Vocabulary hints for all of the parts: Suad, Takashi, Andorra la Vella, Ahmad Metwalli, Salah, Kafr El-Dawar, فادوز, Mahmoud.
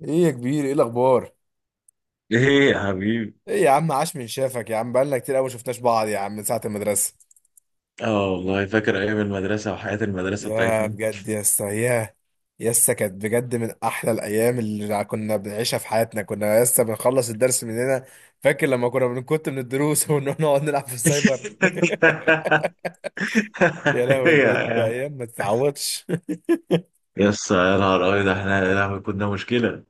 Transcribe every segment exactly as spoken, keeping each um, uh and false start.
ايه يا كبير، ايه الاخبار؟ ايه يا حبيبي. ايه يا عم، عاش من شافك يا عم، بقالنا كتير قوي ما شفناش بعض يا عم من ساعه المدرسه. اه والله فاكر ايام المدرسه وحياه المدرسه يا بتاعتنا. بجد يا اسطى يا يا اسطى كانت بجد من احلى الايام اللي كنا بنعيشها في حياتنا. كنا يا اسطى بنخلص الدرس من هنا. فاكر لما كنا بنكت من الدروس ونروح نقعد نلعب في السايبر. يا لهوي يا بجد، يا ايام ما تتعوضش. يس، يا نهار ابيض، احنا يا لهوي كنا مشكله.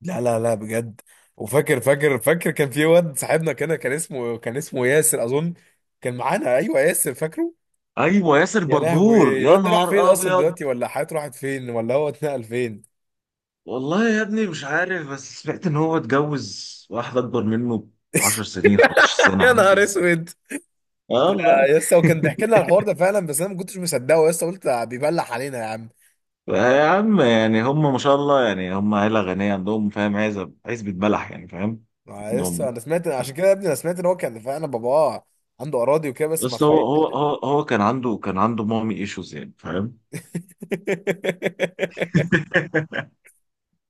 لا لا لا بجد. وفاكر فاكر فاكر كان في واد صاحبنا كده، كان اسمه كان اسمه ياسر اظن. كان معانا، ايوه ياسر، فاكره. ايوه ياسر يا بربور، لهوي، يا الواد ده راح فين نهار اصلا ابيض. دلوقتي؟ ولا حياته راحت فين؟ ولا هو اتنقل فين؟ والله يا ابني مش عارف، بس سمعت ان هو اتجوز واحده اكبر منه ب عشر سنين، خمس عشرة سنه، يا حاجه نهار كده. اسود. اه والله. يا اسطى، وكان بيحكي لنا الحوار ده فعلا، بس انا ما كنتش مصدقه يا اسطى، قلت بيبلح علينا يا عم. يا عم يعني هم ما شاء الله، يعني هم عيله غنيه، عندهم فاهم، عزب، عزبه بلح، يعني فاهم ما يا اسطى عندهم. انا سمعت، عشان كده يا ابني انا سمعت ان هو كان فعلا باباه عنده اراضي وكده، بس ما بس هو تخيل. هو هو هو كان عنده كان عنده مامي ايشوز، يعني فاهم.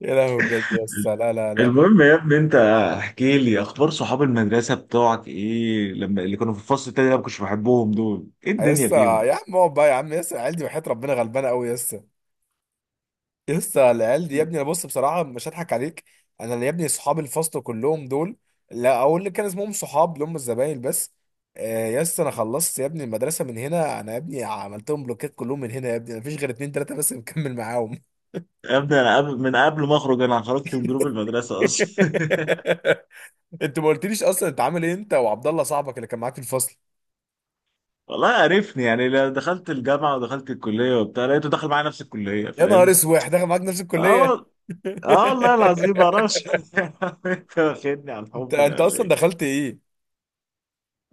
يا لهوي بجد يا اسطى، لا لا لا. المهم يا ابني انت احكي لي اخبار صحاب المدرسه بتوعك، ايه لما اللي كانوا في الفصل التاني اللي انا ما كنتش بحبهم دول، ايه يا الدنيا اسطى فيهم؟ يا عم اقعد بقى يا عم يا اسطى، العيال دي وحياة ربنا غلبانه قوي يا اسطى. لسه العيال دي يا ابني، انا بص بصراحه مش هضحك عليك. انا اللي يا ابني صحاب الفصل كلهم دول، لا اقول اللي كان اسمهم صحاب، اللي هم الزمايل بس. آه يا اسطى، انا خلصت يا ابني المدرسه من هنا. انا يا ابني عملتهم بلوكات كلهم من هنا يا ابني، مفيش غير اتنين تلاته بس مكمل معاهم. يا ابني انا قبل من قبل ما اخرج انا خرجت من جروب المدرسه اصلا. انت ما قلتليش اصلا انت عامل ايه انت وعبد الله صاحبك اللي كان معاك في الفصل؟ والله عرفني يعني، لا دخلت الجامعه ودخلت الكليه وبتاع لقيته داخل معايا نفس الكليه، يا نهار فاهم؟ اسود داخل معاك نفس اه الكليه. وال- اه والله العظيم ما اعرفش. انت واخدني على انت الحب ده انت ولا اصلا ايه؟ دخلت ايه؟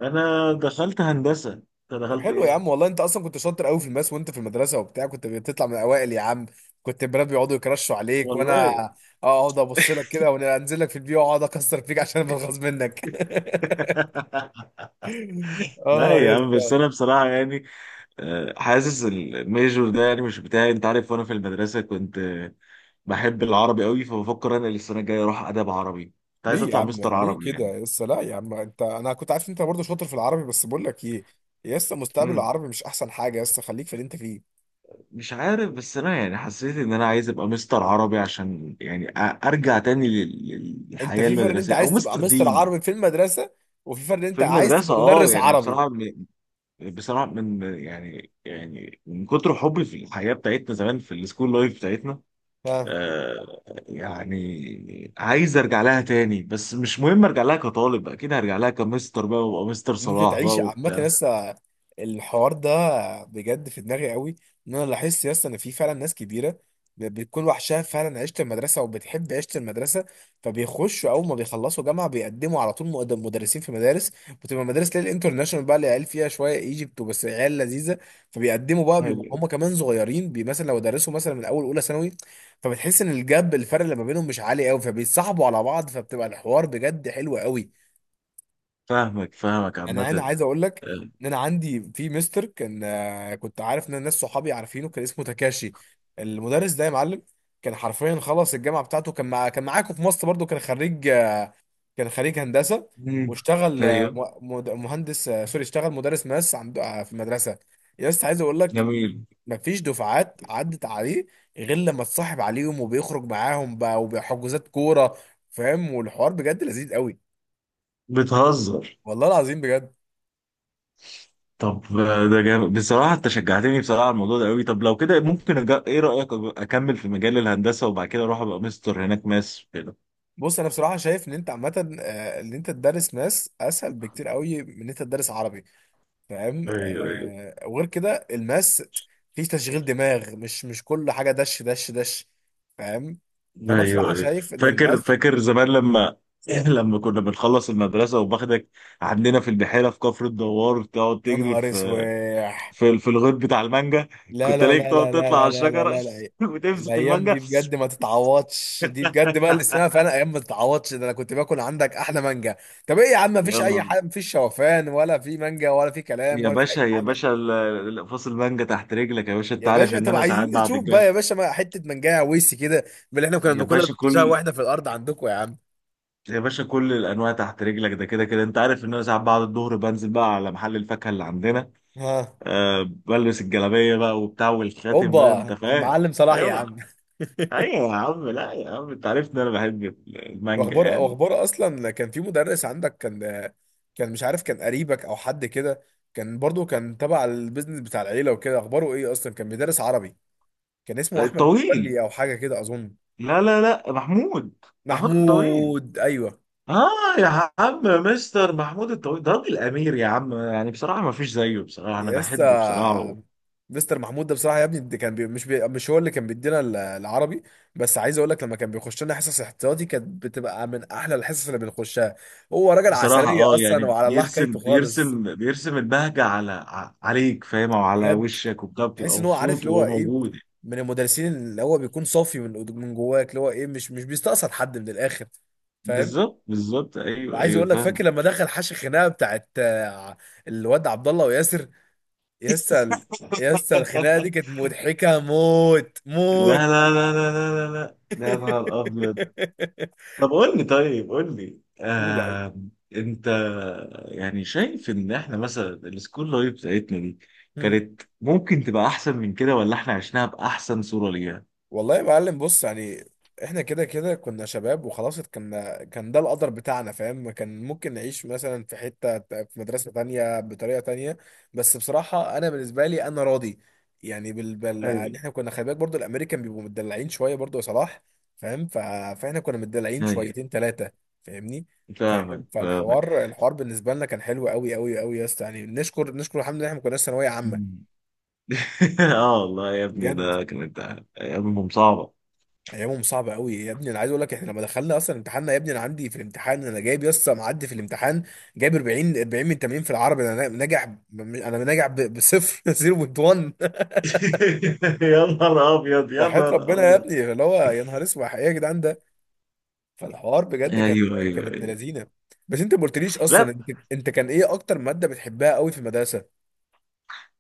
انا دخلت هندسه، انت طب دخلت حلو يا عم، ايه؟ والله انت اصلا كنت شاطر قوي في الماس وانت في المدرسه وبتاع، كنت بتطلع من الاوائل يا عم. كنت البنات بيقعدوا يكرشوا عليك، وانا والله. اقعد ابص لك كده وانزل لك في البيئه واقعد اكسر فيك عشان بنغص منك. لا اه يا يا عم، بس اسطى. انا بصراحه يعني آه، حاسس الميجور ده يعني مش بتاعي، انت عارف. وانا في المدرسه كنت آه، بحب العربي قوي، فبفكر انا السنه الجايه اروح ادب عربي. كنت عايز ليه يا اطلع عم؟ مستر ليه عربي كده يعني. يا اسطى؟ لا يا عم، انت انا كنت عارف انت برضه شاطر في العربي، بس بقول لك ايه يا اسطى، مستقبل مم. العربي مش احسن حاجه يا اسطى، خليك في اللي انت فيه. مش عارف، بس انا يعني حسيت ان انا عايز ابقى مستر عربي عشان يعني أ- ارجع تاني لل- انت للحياه في فرق ان انت المدرسيه او عايز تبقى مستر مستر دين عربي في المدرسه، وفي فرق ان في انت عايز المدرسه. تبقى اه مدرس يعني عربي. بصراحه م- بصراحه من يعني يعني من كتر حبي في الحياه بتاعتنا زمان، في السكول لايف بتاعتنا. ها. آه، يعني عايز ارجع لها تاني، بس مش مهم ارجع لها كطالب، اكيد هرجع لها كمستر بقى وابقى مستر ان انت صلاح بقى تعيش عامه، وبتاع. لسه الحوار ده بجد في دماغي قوي. ان انا لاحظت لسه ان في فعلا ناس كبيره ب- بتكون وحشها فعلا عيشه المدرسه وبتحب عيشه المدرسه، فبيخشوا اول ما بيخلصوا جامعه بيقدموا على طول مقد- مدرسين في مدارس. بتبقى مدارس ليل انترناشونال بقى اللي عيال فيها شويه ايجيبت وبس، عيال لذيذه. فبيقدموا بقى، بيبقوا أيوة، هم كمان صغيرين بي- مثلا لو درسوا مثلا من اول اولى ثانوي. فبتحس ان الجاب الفرق اللي ما بينهم مش عالي قوي، فبيتصاحبوا على بعض، فبتبقى الحوار بجد حلو قوي. فاهمك فاهمك انا انا عامة. عايز اقول لك آه، ان انا عندي في مستر كان، آه، كنت عارف ان الناس صحابي عارفينه، كان اسمه تاكاشي. المدرس ده يا معلم كان حرفيا خلص الجامعه بتاعته، كان مع كان معاكم في مصر برضو، كان خريج، آه، كان خريج هندسه. مم. واشتغل آه، ايوه. م- مد- مهندس، آه، سوري، اشتغل مدرس ماس عند، آه، في المدرسه. يا اسطى عايز اقول لك، جميل. مفيش دفعات عدت عليه غير لما اتصاحب عليهم وبيخرج معاهم بقى وبحجوزات كوره. فاهم؟ والحوار بجد لذيذ قوي، بتهزر. والله العظيم بجد. طب آه، ده جامد بصراحة، انت شجعتني بصراحة على الموضوع ده قوي. طب لو كده ممكن أج... ايه رأيك أج- اكمل في مجال الهندسة وبعد كده اروح ابقى مستر هناك ماس كده. بص انا بصراحه شايف ان انت عامه، آه، ان انت تدرس ماس اسهل بكتير قوي من ان انت تدرس عربي. فاهم، ايوه ايوه آه، وغير كده الماس فيه تشغيل دماغ، مش مش كل حاجه دش دش دش. فاهم؟ فانا ايوه بصراحه ايوه. شايف ان فاكر الماس. فاكر زمان لما لما كنا بنخلص المدرسه وباخدك عندنا في البحيره في كفر الدوار تقعد يا تجري نهار في اسواح. في في الغيط بتاع المانجا. لا كنت لا الاقيك لا تقعد لا لا تطلع لا على لا لا الشجره لا لا. وتمسك الايام المانجا. دي بجد ما تتعوضش، دي بجد بقى اللي اسمها فعلا ايام ما تتعوضش. ده انا كنت باكل عندك احلى مانجا. طب ايه يا عم؟ مفيش اي يلا. حاجه؟ مفيش شوفان ولا في مانجا ولا في كلام يا ولا في اي باشا يا حاجه؟ باشا، ال- ال- فصل المانجا تحت رجلك يا باشا، انت يا عارف باشا ان طب انا عايزين ساعات بعد نشوف الجامعه. بقى يا باشا ما حته منجاية ويس كده من اللي احنا كنا يا بناكلها باشا بنشوفها كل واحنا في الارض عندكم يا عم. يا باشا كل الانواع تحت رجلك، ده كده كده انت عارف ان انا ساعات بعد الظهر بنزل بقى على محل الفاكهه اللي عندنا. ها. آه بلبس الجلابيه بقى وبتاع والخاتم بقى، انت اوبا فاهم. المعلم صلاح يا ايوه. عم. ايوه يا عم، لا يا عم انت عارف ان انا بحب المانجا واخبار يعني. واخبار اصلا، كان في مدرس عندك، كان كان مش عارف كان قريبك او حد كده، كان برضو كان تبع البيزنس بتاع العيله وكده، اخباره ايه؟ اصلا كان بيدرس عربي، كان آه، اسمه احمد الطويل. متولي او حاجه كده اظن. لا لا لا، محمود. محمود الطويل. محمود، ايوه. اه. يا عم مستر محمود الطويل ده راجل امير يا عم، يعني بصراحه ما فيش زيه، بصراحه انا بحبه بصراحه. يسا. مستر محمود ده بصراحه يا ابني، ده كان بي مش بي مش هو اللي كان بيدينا ال- العربي، بس عايز اقول لك لما كان بيخش لنا حصص احتياطي كانت بتبقى من احلى الحصص اللي بنخشها. هو راجل بصراحه عسليه اه، اصلا يعني وعلى الله بيرسم حكايته خالص. بيرسم بيرسم البهجه على ع- عليك، فاهم؟ او على بجد، وشك وبتاع، تحس بتبقى ان هو عارف مبسوط اللي هو وهو ايه. موجود. من المدرسين اللي هو بيكون صافي من من جواك، اللي هو ايه، مش مش بيستقصد حد من الاخر. فاهم؟ بالظبط بالظبط. ايوه وعايز ايوه اقول لك فاكر فاهم. لما دخل حاشي خناقه بتاعت آه، الواد عبد الله وياسر؟ يسا ال- لا يسا الخناقه دي كانت مضحكه موت لا موت. لا لا لا لا لا، ده يا نهار ابيض. طب قول لي، طيب قول لي، قول يا حبيبي. آه انت يعني شايف ان احنا مثلا السكول لايف بتاعتنا دي كانت ممكن تبقى احسن من كده، ولا احنا عشناها باحسن صورة ليها؟ والله يا معلم، بص يعني احنا كده كده كنا شباب وخلاص، كنا كان ده القدر بتاعنا فاهم. كان ممكن نعيش مثلا في حتة ت- في مدرسة تانية بطريقة تانية، بس بصراحة انا بالنسبة لي انا راضي. يعني بال بال ايوه يعني احنا كنا خلي بالك برضو الامريكان بيبقوا متدلعين شوية برضو يا صلاح. فاهم؟ ف... فاحنا كنا متدلعين ايوه. شويتين ثلاثة. فاهمني. فاهمك فاهم؟ فاهمك. فالحوار الحوار بالنسبة لنا كان حلو قوي قوي قوي يا اسطى. يعني نشكر نشكر الحمد لله احنا ما كناش ثانوية عامة. مم. اه والله يا ابني بجد ده كانت ايامهم صعبة. ايامهم صعبه قوي يا ابني. انا عايز اقول لك، احنا لما دخلنا اصلا امتحاننا يا ابني، انا عندي في الامتحان انا جايب يسطا معدي في الامتحان، جايب اربعين اربعين من تمانين في العربي. انا ناجح ب- انا ناجح ب- بصفر. صفر فاصلة واحد. يا نهار ابيض يا وحياة نهار ربنا يا ابيض. ابني اللي هو، يا نهار اسود، ايه يا جدعان ده؟ فالحوار بجد كان، ايوه ايوه كان ابن ايوه. لذينه. بس انت ما قلتليش لا. اصلا انت، انت كان ايه اكتر ماده بتحبها قوي في المدرسه؟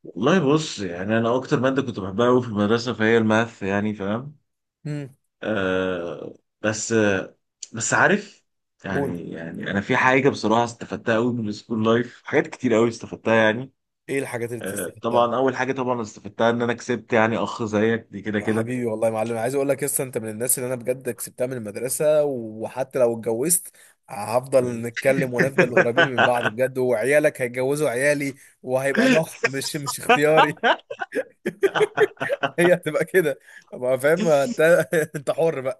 والله بص يعني انا اكتر ماده كنت بحبها قوي في المدرسه فهي الماث، يعني فاهم. امم آه. بس آه، بس عارف قول، يعني، يعني انا في حاجه بصراحه استفدتها قوي من السكول لايف، حاجات كتير قوي استفدتها يعني. ايه الحاجات اللي آه استفدتها؟ طبعا، اول حاجه طبعا استفدتها ان انا كسبت يعني اخ زيك دي كده كده. حبيبي والله يا معلم، عايز اقول لك لسه انت من الناس اللي انا بجد كسبتها من المدرسه، وحتى لو اتجوزت هفضل نتكلم ونفضل قريبين من بعض بجد، وعيالك هيتجوزوا عيالي، وهيبقى ضغط مش مش اختياري. هي هتبقى كده، ما فاهم انت. انت حر بقى.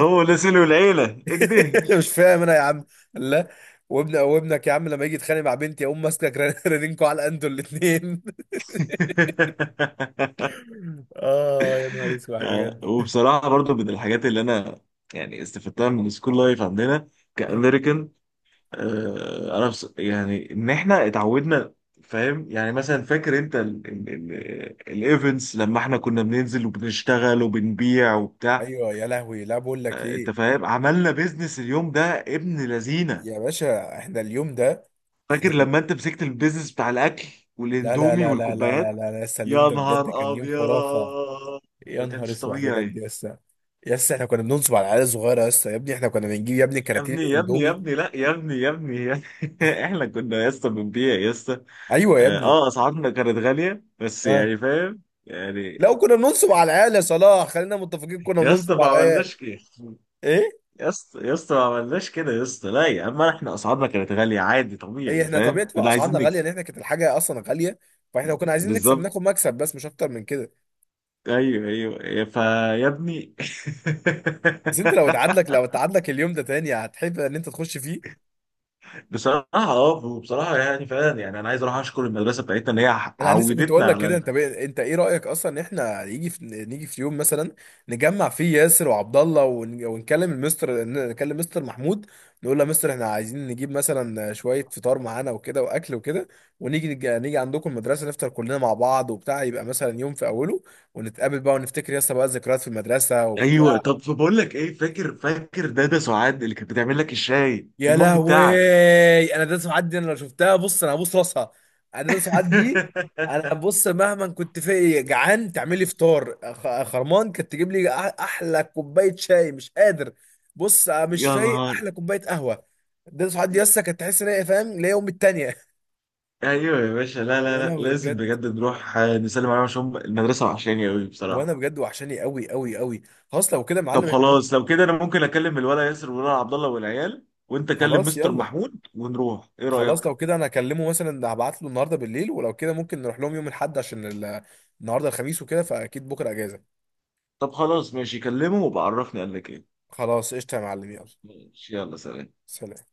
هو اللي سلو العيله اكده. مش فاهم انا يا عم. لا، وابن وابنك يا عم لما يجي يتخانق مع بنتي اقوم ماسكك رنينكو على انتوا الاثنين. اه يا نهار اسود آه، بجد. وبصراحة برضو من الحاجات اللي أنا يعني استفدتها من السكول لايف عندنا مم. كأمريكان، آه، أنا بص... يعني إن إحنا اتعودنا، فاهم. يعني مثلا فاكر أنت الإيفنتس لما إحنا كنا بننزل وبنشتغل وبنبيع وبتاع. ايوه يا لهوي، لا بقول لك آه، أنت ايه. فاهم عملنا بيزنس اليوم ده، ابن لذينة. يا باشا احنا اليوم ده، احنا فاكر في، لما أنت مسكت البيزنس بتاع الأكل لا لا والإندومي لا لا لا لا والكوبايات. لا لا، لسه اليوم يا ده بجد نهار كان يوم أبيض. خرافة. يا ما نهار كانش اسود بجد طبيعي. لسه، لسه احنا كنا بننصب على العيال الصغيرة، لسه يا ابني احنا كنا بنجيب يا ابني يا كراتين ابني يا ابني يا الاندومي. ابني، لا يا ابني يا ابني يا ابني. احنا كنا يا اسطى بنبيع يا اسطى. ايوه يا اه ابني، آه، اسعارنا كانت غاليه، بس اه. يعني فاهم يعني. لو كنا بننصب على العيال يا صلاح خلينا متفقين، كنا يا اسطى بننصب ما على العيال. عملناش كده ايه؟ يا اسطى، يا اسطى ما عملناش كده يا اسطى، لا يا عم احنا اسعارنا كانت غاليه عادي ايه؟ طبيعي، احنا فاهم، طبيعة بقى كنا عايزين اسعارنا غالية، نكسب. ان احنا كانت الحاجة اصلا غالية، فاحنا لو كنا عايزين نكسب بالظبط. ناخد مكسب بس مش اكتر من كده. ايوه ايوه فيا ابني. بس انت لو اتعادلك، لو اتعادلك اليوم ده تاني، هتحب ان انت تخش فيه؟ بصراحه اه، بصراحه يعني فعلا، يعني انا عايز اروح اشكر المدرسه بتاعتنا ان هي انا لسه كنت عودتنا اقول لك كده، على... انت بي... انت ايه رايك اصلا ان احنا يجي في... نيجي في يوم مثلا نجمع فيه ياسر وعبد الله ون... ونكلم المستر، نكلم مستر محمود، نقول له يا مستر احنا عايزين نجيب مثلا شويه فطار معانا وكده واكل وكده، ونيجي نج... نيجي عندكم المدرسه نفطر كلنا مع بعض وبتاع، يبقى مثلا يوم في اوله، ونتقابل بقى ونفتكر ياسر بقى الذكريات في المدرسه ايوه. وبتاع. طب بقول لك ايه، فاكر فاكر دادا سعاد اللي كانت بتعمل لك الشاي في يا المج بتاعك. لهوي. انا ده سعاد دي انا لو شفتها، بص انا هبوس راسها. انا ده سعاد دي. انا بص مهما كنت في جعان تعمل لي فطار خ- خرمان، كانت تجيب لي أح- احلى كوبايه شاي مش قادر، بص مش يا فايق، نهار. احلى كوبايه قهوه. ده سعاد دي لسه، كانت تحس ان هي فاهم اللي هي امي التانيه. ايوه يا باشا، لا لا يا لا لهوي لازم بجد، بجد نروح آه، نسلم عليهم، عشان هم المدرسه وحشاني قوي وانا بصراحه. بجد وحشاني قوي قوي قوي. خلاص لو كده يا طب معلم احنا ممكن- خلاص لو كده انا ممكن اكلم الولا ياسر والولا عبد الله والعيال، وانت كلم خلاص مستر يلا. محمود، ونروح، ايه خلاص رايك؟ لو كده انا اكلمه مثلا، هبعت له النهارده بالليل، ولو كده ممكن نروح لهم يوم الاحد عشان ال- النهارده الخميس وكده فاكيد بكره اجازه. طب خلاص ماشي، كلمه وبعرفني قال لك ايه. خلاص قشطه يا معلم، يلا. ماشي يلا، سلام. سلام.